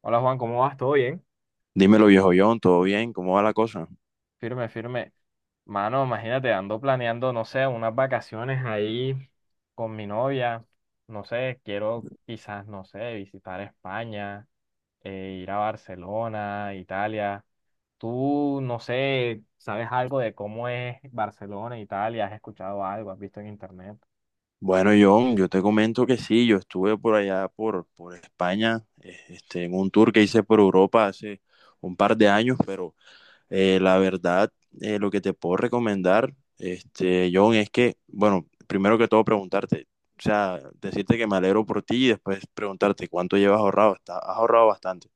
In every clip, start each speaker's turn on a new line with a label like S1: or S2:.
S1: Hola Juan, ¿cómo vas? ¿Todo bien?
S2: Dímelo, viejo John, ¿todo bien? ¿Cómo va la cosa?
S1: Firme, firme. Mano, imagínate, ando planeando, no sé, unas vacaciones ahí con mi novia. No sé, quiero quizás, no sé, visitar España, ir a Barcelona, Italia. Tú, no sé, ¿sabes algo de cómo es Barcelona, Italia? ¿Has escuchado algo? ¿Has visto en internet?
S2: Bueno, John, yo te comento que sí, yo estuve por allá, por España, en un tour que hice por Europa hace un par de años, pero la verdad, lo que te puedo recomendar, John, es que, bueno, primero que todo preguntarte, o sea, decirte que me alegro por ti y después preguntarte cuánto llevas ahorrado. ¿Has ahorrado bastante?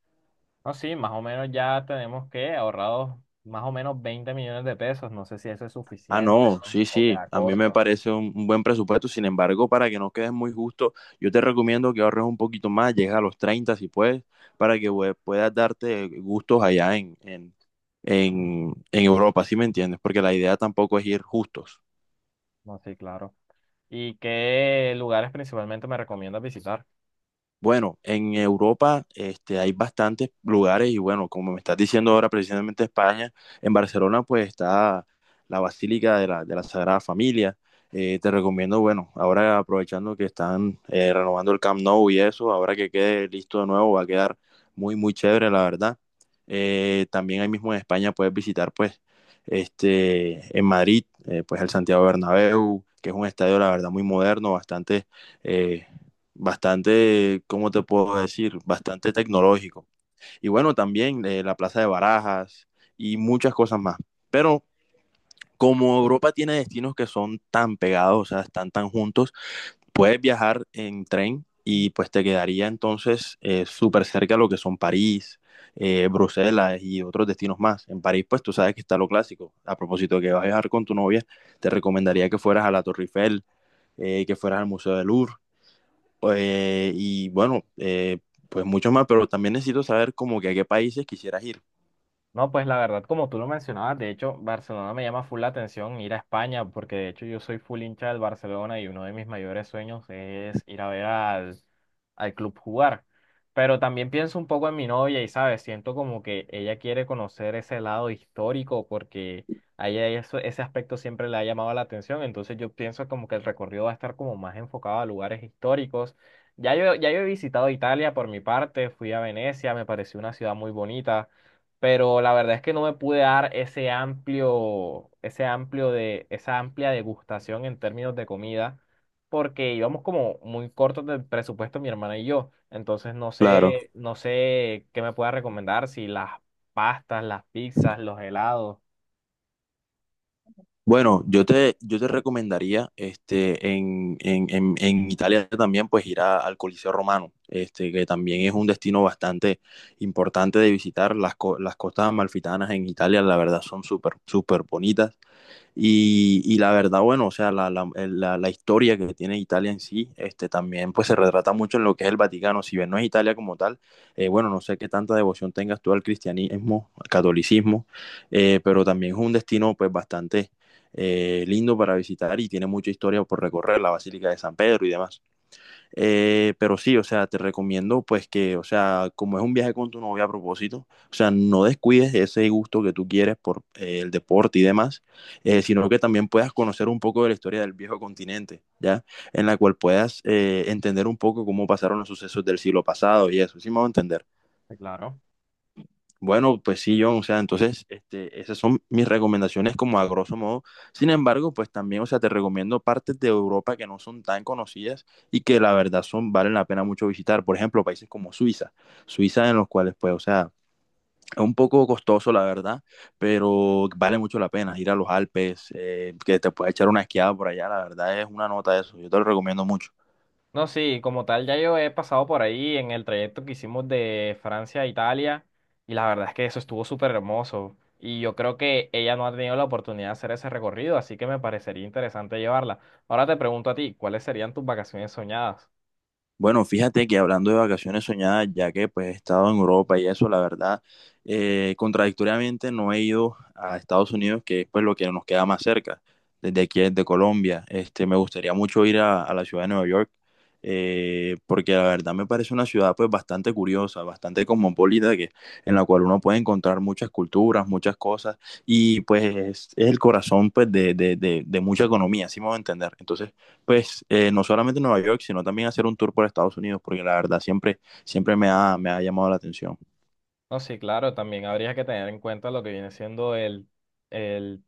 S1: No, sí, más o menos ya tenemos que ahorrados más o menos 20 millones de pesos. No sé si eso es
S2: Ah,
S1: suficiente
S2: no,
S1: o,
S2: sí,
S1: o
S2: sí,
S1: queda
S2: a mí me
S1: corto.
S2: parece un buen presupuesto. Sin embargo, para que no quedes muy justo, yo te recomiendo que ahorres un poquito más, llega a los 30 si puedes, para que puedas darte gustos allá en Europa, ¿sí me entiendes? Porque la idea tampoco es ir justos.
S1: No, sí, claro. ¿Y qué lugares principalmente me recomiendas visitar?
S2: Bueno, en Europa hay bastantes lugares y bueno, como me estás diciendo ahora, precisamente España, en Barcelona pues está la Basílica de la Sagrada Familia. Te recomiendo, bueno, ahora aprovechando que están renovando el Camp Nou y eso, ahora que quede listo de nuevo va a quedar muy chévere, la verdad. También ahí mismo en España puedes visitar pues en Madrid, pues el Santiago Bernabéu, que es un estadio, la verdad, muy moderno, eh, bastante, ¿cómo te puedo decir? Bastante tecnológico. Y bueno, también la Plaza de Barajas y muchas cosas más. Pero como Europa tiene destinos que son tan pegados, o sea, están tan juntos, puedes viajar en tren y pues te quedaría entonces súper cerca a lo que son París, Bruselas y otros destinos más. En París, pues tú sabes que está lo clásico. A propósito de que vas a viajar con tu novia, te recomendaría que fueras a la Torre Eiffel, que fueras al Museo del Louvre, eh, y bueno, eh, pues mucho más, pero también necesito saber como que a qué países quisieras ir.
S1: No, pues la verdad, como tú lo mencionabas, de hecho, Barcelona me llama full la atención ir a España, porque de hecho yo soy full hincha del Barcelona y uno de mis mayores sueños es ir a ver al club jugar. Pero también pienso un poco en mi novia y, ¿sabes? Siento como que ella quiere conocer ese lado histórico porque a ella ese aspecto siempre le ha llamado la atención. Entonces yo pienso como que el recorrido va a estar como más enfocado a lugares históricos. Ya yo he visitado Italia por mi parte, fui a Venecia, me pareció una ciudad muy bonita, pero la verdad es que no me pude dar esa amplia degustación en términos de comida, porque íbamos como muy cortos del presupuesto mi hermana y yo. Entonces
S2: Claro.
S1: no sé qué me pueda recomendar, si las pastas, las pizzas, los helados.
S2: Bueno, yo te recomendaría en Italia también pues al Coliseo Romano, este, que también es un destino bastante importante de visitar. Las costas amalfitanas en Italia, la verdad, son súper bonitas. Y la verdad, bueno, o sea, la historia que tiene Italia en sí, este, también pues se retrata mucho en lo que es el Vaticano. Si bien no es Italia como tal, bueno, no sé qué tanta devoción tengas tú al cristianismo, al catolicismo, pero también es un destino pues bastante lindo para visitar y tiene mucha historia por recorrer, la Basílica de San Pedro y demás. Pero sí, o sea, te recomiendo pues que, o sea, como es un viaje con tu novia a propósito, o sea, no descuides ese gusto que tú quieres por el deporte y demás, sino que también puedas conocer un poco de la historia del viejo continente, ¿ya? En la cual puedas entender un poco cómo pasaron los sucesos del siglo pasado y eso, ¿sí me voy a entender?
S1: Sí, claro.
S2: Bueno, pues sí, John, o sea, entonces, este, esas son mis recomendaciones como a grosso modo. Sin embargo, pues también, o sea, te recomiendo partes de Europa que no son tan conocidas y que la verdad son, valen la pena mucho visitar. Por ejemplo, países como Suiza en los cuales, pues, o sea, es un poco costoso, la verdad, pero vale mucho la pena ir a los Alpes, que te puedes echar una esquiada por allá, la verdad es una nota eso, yo te lo recomiendo mucho.
S1: No, sí, como tal, ya yo he pasado por ahí en el trayecto que hicimos de Francia a Italia, y la verdad es que eso estuvo súper hermoso y yo creo que ella no ha tenido la oportunidad de hacer ese recorrido, así que me parecería interesante llevarla. Ahora te pregunto a ti, ¿cuáles serían tus vacaciones soñadas?
S2: Bueno, fíjate que hablando de vacaciones soñadas, ya que pues he estado en Europa y eso, la verdad, contradictoriamente no he ido a Estados Unidos, que es pues lo que nos queda más cerca, desde aquí, desde Colombia. Este, me gustaría mucho a la ciudad de Nueva York, porque la verdad me parece una ciudad pues bastante curiosa, bastante cosmopolita, que, en la cual uno puede encontrar muchas culturas, muchas cosas, y pues es el corazón pues de mucha economía, así me voy a entender. Entonces, pues no solamente en Nueva York, sino también hacer un tour por Estados Unidos, porque la verdad siempre me ha llamado la atención.
S1: No, sí, claro, también habría que tener en cuenta el,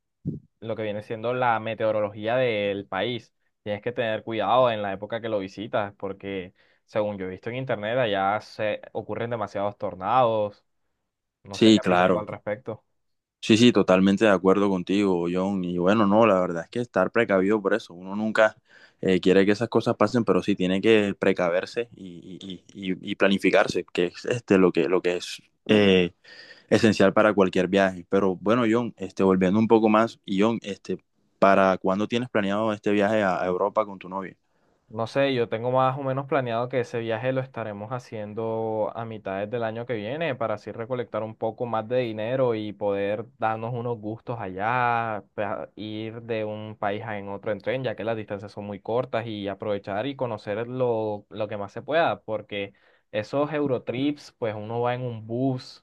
S1: lo que viene siendo la meteorología del país. Tienes que tener cuidado en la época que lo visitas, porque según yo he visto en internet, allá se ocurren demasiados tornados. No sé qué
S2: Sí,
S1: has visto tú al
S2: claro.
S1: respecto.
S2: Sí, sí, totalmente de acuerdo contigo, John. Y bueno, no, la verdad es que estar precavido por eso. Uno nunca quiere que esas cosas pasen, pero sí tiene que precaverse y planificarse, que es este, lo que es eh, esencial para cualquier viaje. Pero bueno, John, este, volviendo un poco más, y John, este, ¿para cuándo tienes planeado este viaje a Europa con tu novia?
S1: No sé, yo tengo más o menos planeado que ese viaje lo estaremos haciendo a mitades del año que viene para así recolectar un poco más de dinero y poder darnos unos gustos allá, ir de un país a en otro en tren, ya que las distancias son muy cortas y aprovechar y conocer lo que más se pueda, porque esos Eurotrips, pues uno va en un bus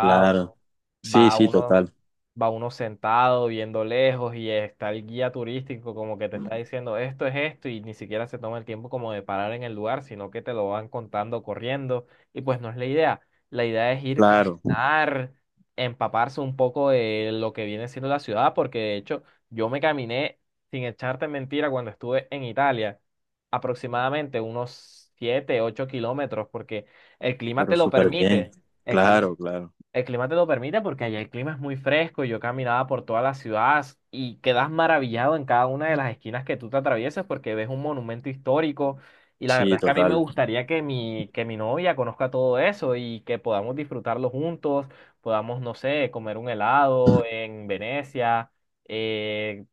S2: Claro. Sí,
S1: va
S2: sí,
S1: uno
S2: total.
S1: va uno sentado viendo lejos y está el guía turístico como que te está diciendo esto es esto y ni siquiera se toma el tiempo como de parar en el lugar, sino que te lo van contando corriendo, y pues no es la idea. La idea es ir
S2: Claro,
S1: caminar, empaparse un poco de lo que viene siendo la ciudad, porque de hecho yo me caminé, sin echarte mentira, cuando estuve en Italia, aproximadamente unos 7 8 kilómetros, porque el clima
S2: pero
S1: te lo
S2: súper bien.
S1: permite. El clima
S2: Claro, claro.
S1: el clima te lo permite porque allá el clima es muy fresco. Y Yo caminaba por toda la ciudad y quedas maravillado en cada una de las esquinas que tú te atraviesas porque ves un monumento histórico. Y la
S2: Sí,
S1: verdad es que a mí me
S2: total.
S1: gustaría que mi novia conozca todo eso y que podamos disfrutarlo juntos, podamos, no sé, comer un helado en Venecia, eh,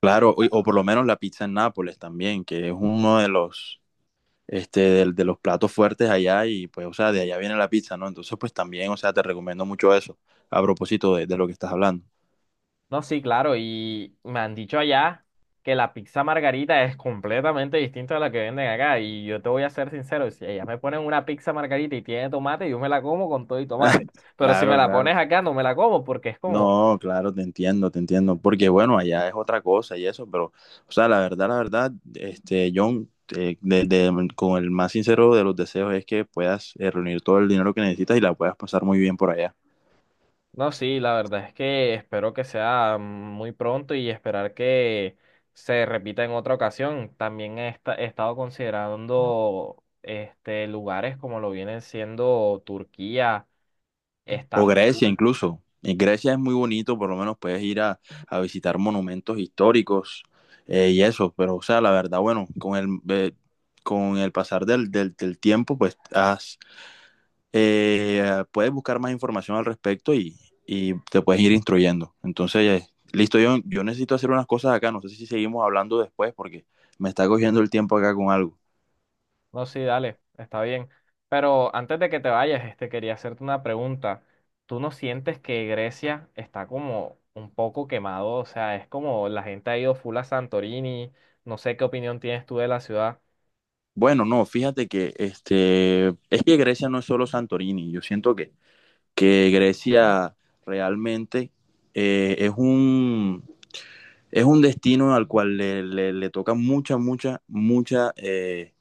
S2: Claro, o por lo menos la pizza en Nápoles también, que es uno de los, este, de los platos fuertes allá y pues, o sea, de allá viene la pizza, ¿no? Entonces, pues también, o sea, te recomiendo mucho eso, a propósito de lo que estás hablando.
S1: no, sí, claro, y me han dicho allá que la pizza margarita es completamente distinta a la que venden acá. Y yo te voy a ser sincero, si ellas me ponen una pizza margarita y tiene tomate, yo me la como con todo y tomate. Pero si me
S2: Claro,
S1: la
S2: claro.
S1: pones acá, no me la como porque es como,
S2: No, claro, te entiendo, porque bueno, allá es otra cosa y eso, pero, o sea, la verdad, este, John, con el más sincero de los deseos es que puedas reunir todo el dinero que necesitas y la puedas pasar muy bien por allá.
S1: no, sí, la verdad es que espero que sea muy pronto y esperar que se repita en otra ocasión. También he estado considerando este lugares como lo vienen siendo Turquía,
S2: O Grecia
S1: Estambul.
S2: incluso. En Grecia es muy bonito, por lo menos a visitar monumentos históricos y eso, pero, o sea, la verdad, bueno, con el pasar del tiempo, pues has puedes buscar más información al respecto y te puedes ir instruyendo. Entonces, listo, yo necesito hacer unas cosas acá, no sé si seguimos hablando después porque me está cogiendo el tiempo acá con algo.
S1: No, sí, dale, está bien. Pero antes de que te vayas, este, quería hacerte una pregunta. ¿Tú no sientes que Grecia está como un poco quemado? O sea, es como la gente ha ido full a Santorini. No sé qué opinión tienes tú de la ciudad.
S2: Bueno, no, fíjate que este, es que Grecia no es solo Santorini, yo siento que Grecia realmente eh, es un, es un destino al cual le toca mucha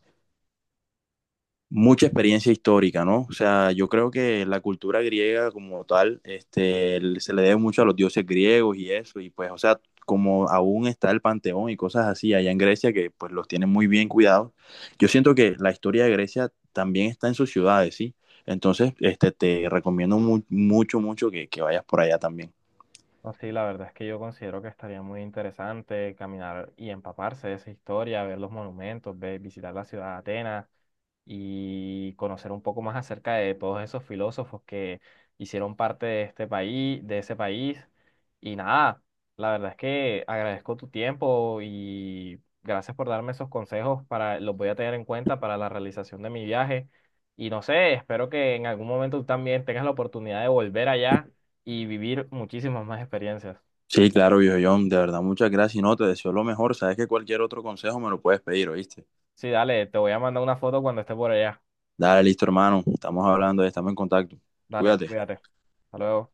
S2: mucha experiencia histórica, ¿no? O sea, yo creo que la cultura griega como tal, este, se le debe mucho a los dioses griegos y eso, y pues, o sea, como aún está el Panteón y cosas así allá en Grecia que pues los tienen muy bien cuidados, yo siento que la historia de Grecia también está en sus ciudades, ¿sí? Entonces, este, te recomiendo mucho, mucho que vayas por allá también.
S1: No, sí, la verdad es que yo considero que estaría muy interesante caminar y empaparse de esa historia, ver los monumentos, visitar la ciudad de Atenas y conocer un poco más acerca de todos esos filósofos que hicieron parte de este país, de ese país. Y nada, la verdad es que agradezco tu tiempo y gracias por darme esos consejos para, los voy a tener en cuenta para la realización de mi viaje. Y no sé, espero que en algún momento tú también tengas la oportunidad de volver allá y vivir muchísimas más experiencias.
S2: Sí, claro, viejo John, de verdad, muchas gracias y no, te deseo lo mejor, sabes que cualquier otro consejo me lo puedes pedir, ¿oíste?
S1: Sí, dale, te voy a mandar una foto cuando esté por allá.
S2: Dale, listo, hermano, estamos hablando, estamos en contacto,
S1: Dale,
S2: cuídate.
S1: cuídate. Hasta luego.